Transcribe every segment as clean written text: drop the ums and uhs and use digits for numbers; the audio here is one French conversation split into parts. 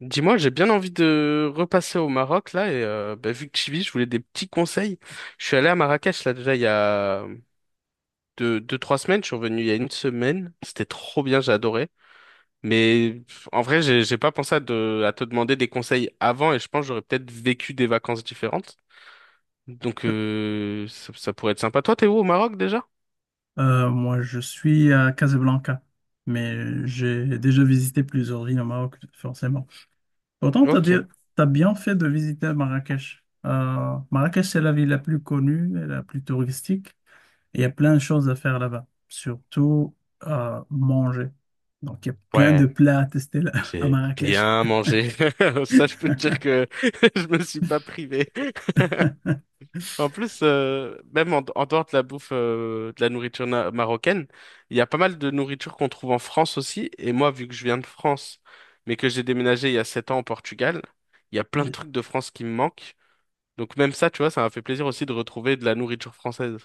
Dis-moi, j'ai bien envie de repasser au Maroc là et vu que tu vis, je voulais des petits conseils. Je suis allé à Marrakech là déjà il y a trois semaines. Je suis revenu il y a une semaine. C'était trop bien, j'ai adoré. Mais pff, en vrai, j'ai pas pensé à te demander des conseils avant et je pense que j'aurais peut-être vécu des vacances différentes. Ça pourrait être sympa. Toi, t'es où au Maroc déjà? Moi, je suis à Casablanca, mais j'ai déjà visité plusieurs villes au Maroc, forcément. Pourtant, tu as, Ok. t'as bien fait de visiter Marrakech. Marrakech, c'est la ville la plus connue et la plus touristique. Il y a plein de choses à faire là-bas, surtout manger. Donc, il y a plein de Ouais, plats à tester à j'ai Marrakech. bien mangé. Ça, je peux te dire que je me suis pas privé. En plus, même en dehors de la bouffe, de la marocaine, il y a pas mal de nourriture qu'on trouve en France aussi. Et moi, vu que je viens de France, mais que j'ai déménagé il y a 7 ans au Portugal, il y a plein de trucs de France qui me manquent. Donc même ça, tu vois, ça m'a fait plaisir aussi de retrouver de la nourriture française.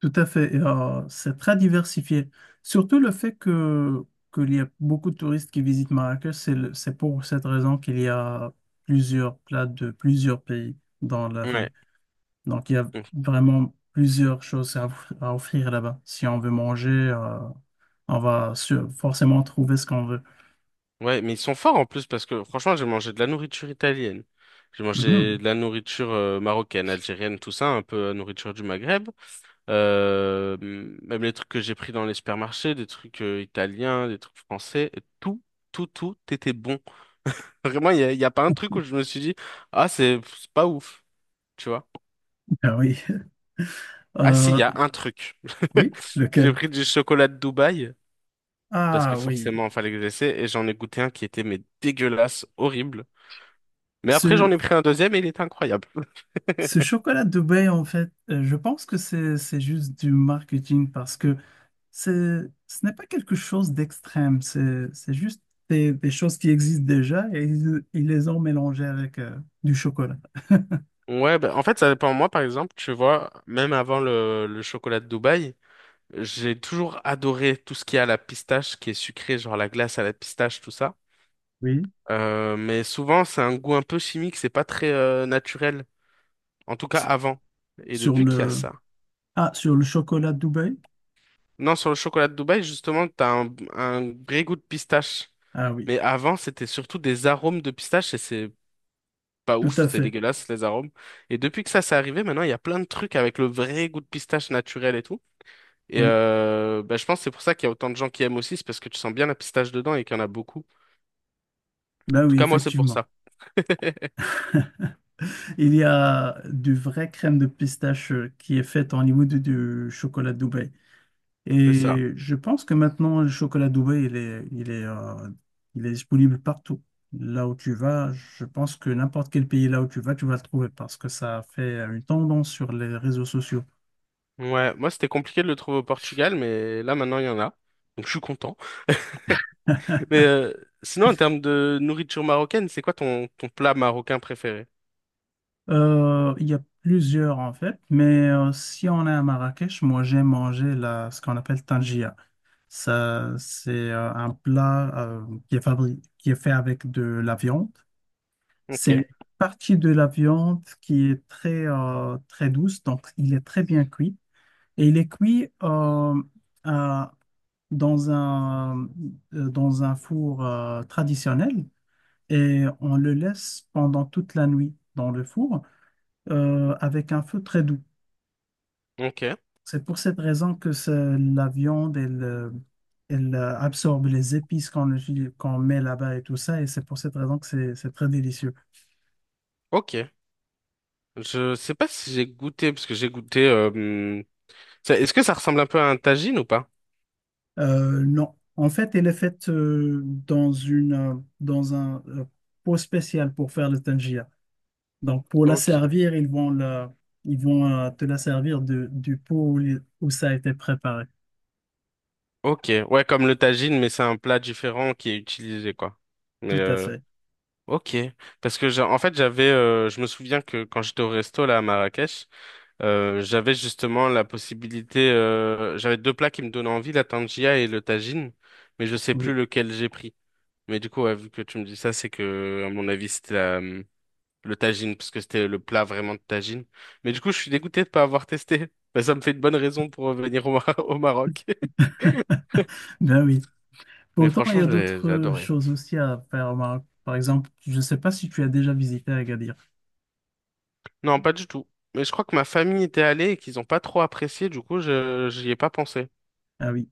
Tout à fait. Et, c'est très diversifié. Surtout le fait que qu'il y a beaucoup de touristes qui visitent Marrakech, c'est pour cette raison qu'il y a plusieurs plats de plusieurs pays dans la ville. Ouais. Donc il y a Mm. vraiment plusieurs choses à offrir là-bas. Si on veut manger, on va forcément trouver ce qu'on veut. Ouais, mais ils sont forts en plus parce que franchement, j'ai mangé de la nourriture italienne, j'ai mangé Mhm. de la nourriture marocaine, algérienne, tout ça, un peu la nourriture du Maghreb. Euh, même les trucs que j'ai pris dans les supermarchés, des trucs italiens, des trucs français, tout, tout était bon. Vraiment, il y a pas un truc où je me suis dit, ah, c'est pas ouf, tu vois. Ah oui. Ah si, il Euh, y a un truc. oui, J'ai lequel? pris du chocolat de Dubaï, parce Ah que oui. forcément, il fallait que j'essaie, et j'en ai goûté un qui était mais dégueulasse, horrible. Mais après, j'en Ce, ai pris un deuxième et il était incroyable. ce chocolat de Dubaï, en fait, je pense que c'est juste du marketing parce que ce n'est pas quelque chose d'extrême, c'est juste des choses qui existent déjà et ils les ont mélangées avec du chocolat. Ouais, ben en fait, ça dépend. Moi, par exemple, tu vois, même avant le chocolat de Dubaï, j'ai toujours adoré tout ce qui est à la pistache, qui est sucré, genre la glace à la pistache, tout ça. Oui. Mais souvent, c'est un goût un peu chimique, c'est pas très naturel. En tout cas, S- avant. Et Sur depuis qu'il y a le, ça. sur le chocolat de Dubaï? Non, sur le chocolat de Dubaï, justement, t'as un vrai goût de pistache. Ah oui, Mais avant, c'était surtout des arômes de pistache et c'est pas tout ouf, à c'est fait. dégueulasse, les arômes. Et depuis que ça s'est arrivé, maintenant, il y a plein de trucs avec le vrai goût de pistache naturel et tout. Oui, Je pense que c'est pour ça qu'il y a autant de gens qui aiment aussi, c'est parce que tu sens bien la pistache dedans et qu'il y en a beaucoup. ben Tout oui, cas, moi, c'est pour effectivement. ça. Il y a du vrai crème de pistache qui est faite en imité du chocolat de Dubaï. C'est ça. Et je pense que maintenant, le chocolat Dubaï, il est disponible partout. Là où tu vas, je pense que n'importe quel pays là où tu vas le trouver parce que ça fait une tendance sur les réseaux sociaux. Ouais, moi, c'était compliqué de le trouver au Portugal, mais là, maintenant, il y en a. Donc, je suis content. Mais sinon, en termes de nourriture marocaine, c'est quoi ton plat marocain préféré? Il y a plusieurs en fait, mais si on est à Marrakech, moi j'aime manger ce qu'on appelle tangia. Ça, c'est un plat qui est fait avec de la viande. Ok, C'est une partie de la viande qui est très, très douce, donc il est très bien cuit. Et il est cuit à- dans un, dans un four traditionnel et on le laisse pendant toute la nuit dans le four avec un feu très doux. ok, C'est pour cette raison que la viande, elle, elle absorbe les épices qu'on met là-bas et tout ça, et c'est pour cette raison que c'est très délicieux. ok. Je sais pas si j'ai goûté, parce que Est-ce que ça ressemble un peu à un tagine ou pas? Non. En fait, elle est faite dans un pot spécial pour faire le tangia. Donc, pour la Ok, servir, ils vont te la servir du pot où ça a été préparé. ok. Ouais, comme le tagine, mais c'est un plat différent qui est utilisé, quoi. Mais Tout à euh, fait. ok. Parce que, en fait, je me souviens que quand j'étais au resto, là, à Marrakech, j'avais justement la possibilité, j'avais deux plats qui me donnaient envie, la tangia et le tagine, mais je sais plus Oui. lequel j'ai pris. Mais du coup, ouais, vu que tu me dis ça, c'est que, à mon avis, c'était le tagine, parce que c'était le plat vraiment de tagine. Mais du coup, je suis dégoûté de pas avoir testé. Mais ça me fait une bonne raison pour revenir au Maroc. Ben oui. Mais Pourtant, il y franchement, a d'autres j'ai adoré. choses aussi à faire au Maroc. Par exemple, je ne sais pas si tu as déjà visité Agadir. Non, pas du tout. Mais je crois que ma famille était allée et qu'ils ont pas trop apprécié, du coup, je j'y ai pas pensé. Ah oui.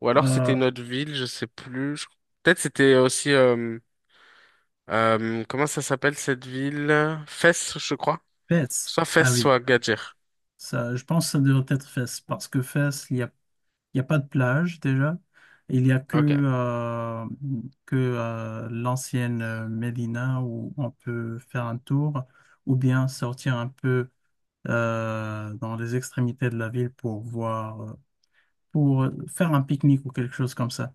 Ou alors c'était Euh, une autre ville, je sais plus. Peut-être c'était aussi comment ça s'appelle cette ville? Fès, je crois. Fès. Soit Fès, Ah oui. soit Gadjir. Ça, je pense que ça devrait être Fès parce que Fès, il n'y a pas de plage déjà. Il n'y a que, Ok, euh, que euh, l'ancienne Médina où on peut faire un tour ou bien sortir un peu dans les extrémités de la ville pour voir, pour faire un pique-nique ou quelque chose comme ça.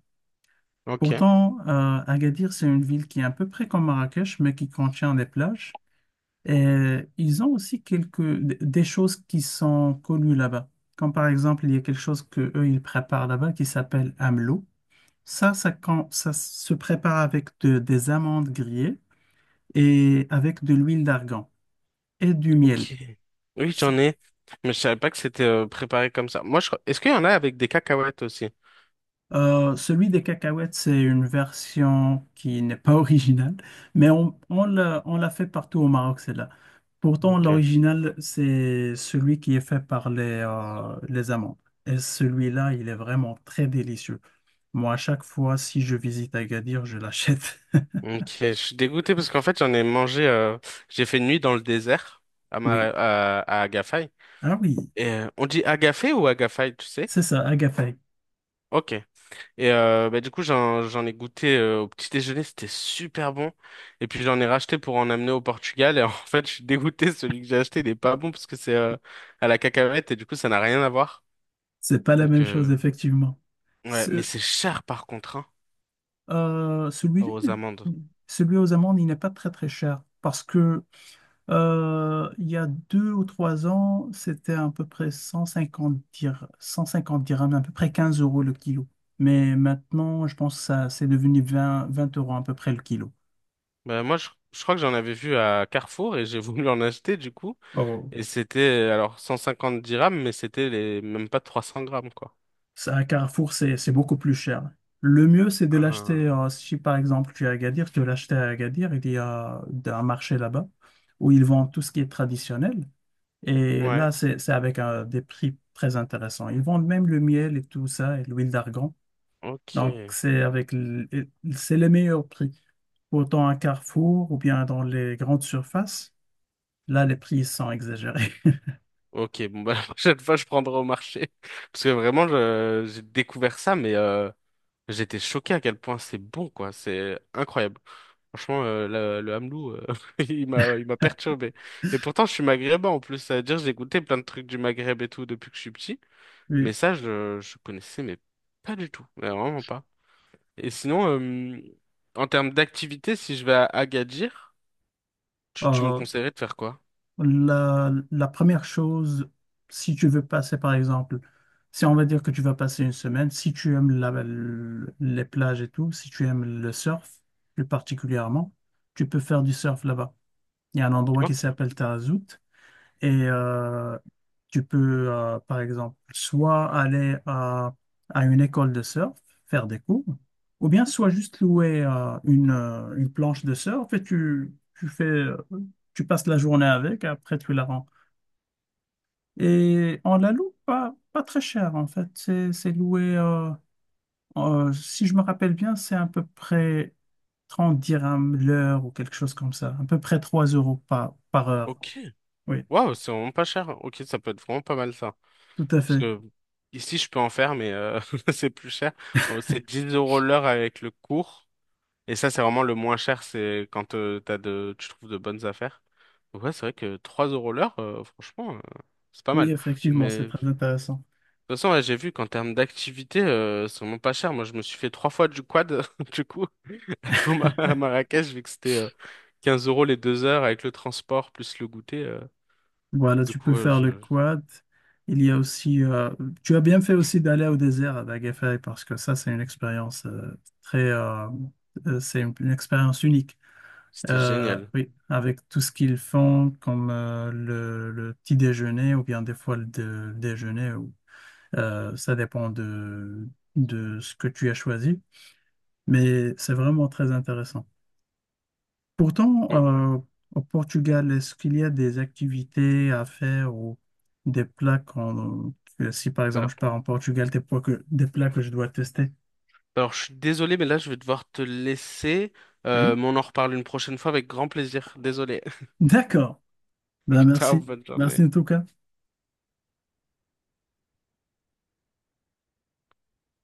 ok, Pourtant, Agadir, c'est une ville qui est à peu près comme Marrakech, mais qui contient des plages. Et ils ont aussi des choses qui sont connues là-bas. Comme par exemple, il y a quelque chose que eux, ils préparent là-bas qui s'appelle AMLO. Ça se prépare avec des amandes grillées et avec de l'huile d'argan et du miel. ok. Oui, C- j'en ai, mais je savais pas que c'était préparé comme ça. Est-ce qu'il y en a avec des cacahuètes aussi? Celui des cacahuètes, c'est une version qui n'est pas originale, mais on l'a fait partout au Maroc, celle-là. Pourtant, Ok. l'original, c'est celui qui est fait par les amandes. Et celui-là, il est vraiment très délicieux. Moi, à chaque fois, si je visite Agadir, je l'achète. Ok, je suis dégoûté parce qu'en fait, j'en ai mangé. J'ai fait une nuit dans le désert Oui. À Agafay. Ah oui, Et, on dit Agafay ou Agafay, tu sais? c'est ça, Agafay. Ok. Du coup, j'en ai goûté au petit déjeuner, c'était super bon. Et puis j'en ai racheté pour en amener au Portugal. Et en fait, je suis dégoûté, celui que j'ai acheté, il est pas bon parce que c'est à la cacahuète et du coup, ça n'a rien à voir. C'est pas la Donc, même chose, euh, effectivement. ouais, mais Ce- c'est cher par contre, hein, euh, celui-là, aux amandes. n'est- celui aux amendes, il n'est pas très très cher parce que il y a 2 ou 3 ans, c'était à peu près 150 dirhams, à peu près 15 euros le kilo. Mais maintenant, je pense que ça, c'est devenu 20 20 euros à peu près le kilo. Bah, moi, je crois que j'en avais vu à Carrefour et j'ai voulu en acheter du coup. Et c'était alors 150 dirhams, mais c'était les même pas 300 grammes, quoi. C'est un Carrefour, c'est beaucoup plus cher. Le mieux, c'est de l'acheter, Ah, si par exemple tu es à Agadir, tu veux l'acheter à Agadir, il y a un marché là-bas où ils vendent tout ce qui est traditionnel. Et ouais, là, c'est avec des prix très intéressants. Ils vendent même le miel et tout ça, et l'huile d'argan. Donc, ok. Et c'est les meilleurs prix. Autant à Carrefour ou bien dans les grandes surfaces, là, les prix sont exagérés. Ok, bon bah la prochaine fois je prendrai au marché. Parce que vraiment j'ai découvert ça, mais j'étais choqué à quel point c'est bon quoi, c'est incroyable. Franchement, le Hamelou, il m'a perturbé. Et pourtant je suis maghrébin en plus, c'est-à-dire j'ai goûté plein de trucs du Maghreb et tout depuis que je suis petit, mais Oui. ça je connaissais mais pas du tout, mais vraiment pas. Et sinon, en termes d'activité, si je vais à Agadir, tu me Euh, conseillerais de faire quoi? la première chose, si tu veux passer, par exemple, si on va dire que tu vas passer une semaine, si tu aimes les plages et tout, si tu aimes le surf plus particulièrement, tu peux faire du surf là-bas. Il y a un endroit qui Ok. s'appelle Tarazout. Et tu peux, par exemple, soit aller à une école de surf, faire des cours, ou bien soit juste louer une planche de surf et tu fais, tu passes la journée avec, après tu la rends. Et on la loue pas très cher, en fait. C'est loué, si je me rappelle bien, c'est à peu près 30 dirhams l'heure ou quelque chose comme ça, à peu près 3 euros par heure. Ok. Oui, Waouh, c'est vraiment pas cher. Ok, ça peut être vraiment pas mal ça. Hein. tout à Parce fait. que ici, je peux en faire, mais c'est plus cher. Bon, c'est 10 euros l'heure avec le cours. Et ça, c'est vraiment le moins cher, c'est quand tu trouves de bonnes affaires. Donc ouais, c'est vrai que 3 euros l'heure, franchement, c'est pas Oui, mal. effectivement, Mais c'est de très toute intéressant. façon, ouais, j'ai vu qu'en termes d'activité, c'est vraiment pas cher. Moi, je me suis fait trois fois du quad, du coup, à Marrakech, vu que c'était 15 euros les deux heures avec le transport plus le goûter. Voilà, tu peux faire le Je... quad. Il y a aussi, tu as bien fait aussi d'aller au désert à Dagafay parce que ça, c'est une expérience très, euh, c'est une expérience unique. c'était génial. Oui, avec tout ce qu'ils font comme le petit déjeuner ou bien des fois déjeuner, ça dépend de ce que tu as choisi, mais c'est vraiment très intéressant. Pourtant, Mm, euh, au Portugal, est-ce qu'il y a des activités à faire ou que si par exemple voilà. je pars en Portugal, des plats que je dois tester? Alors, je suis désolé, mais là, je vais devoir te laisser. Oui. Mais on en reparle une prochaine fois avec grand plaisir. Désolé. D'accord. Ben Ciao, merci. bonne journée. Merci en tout cas.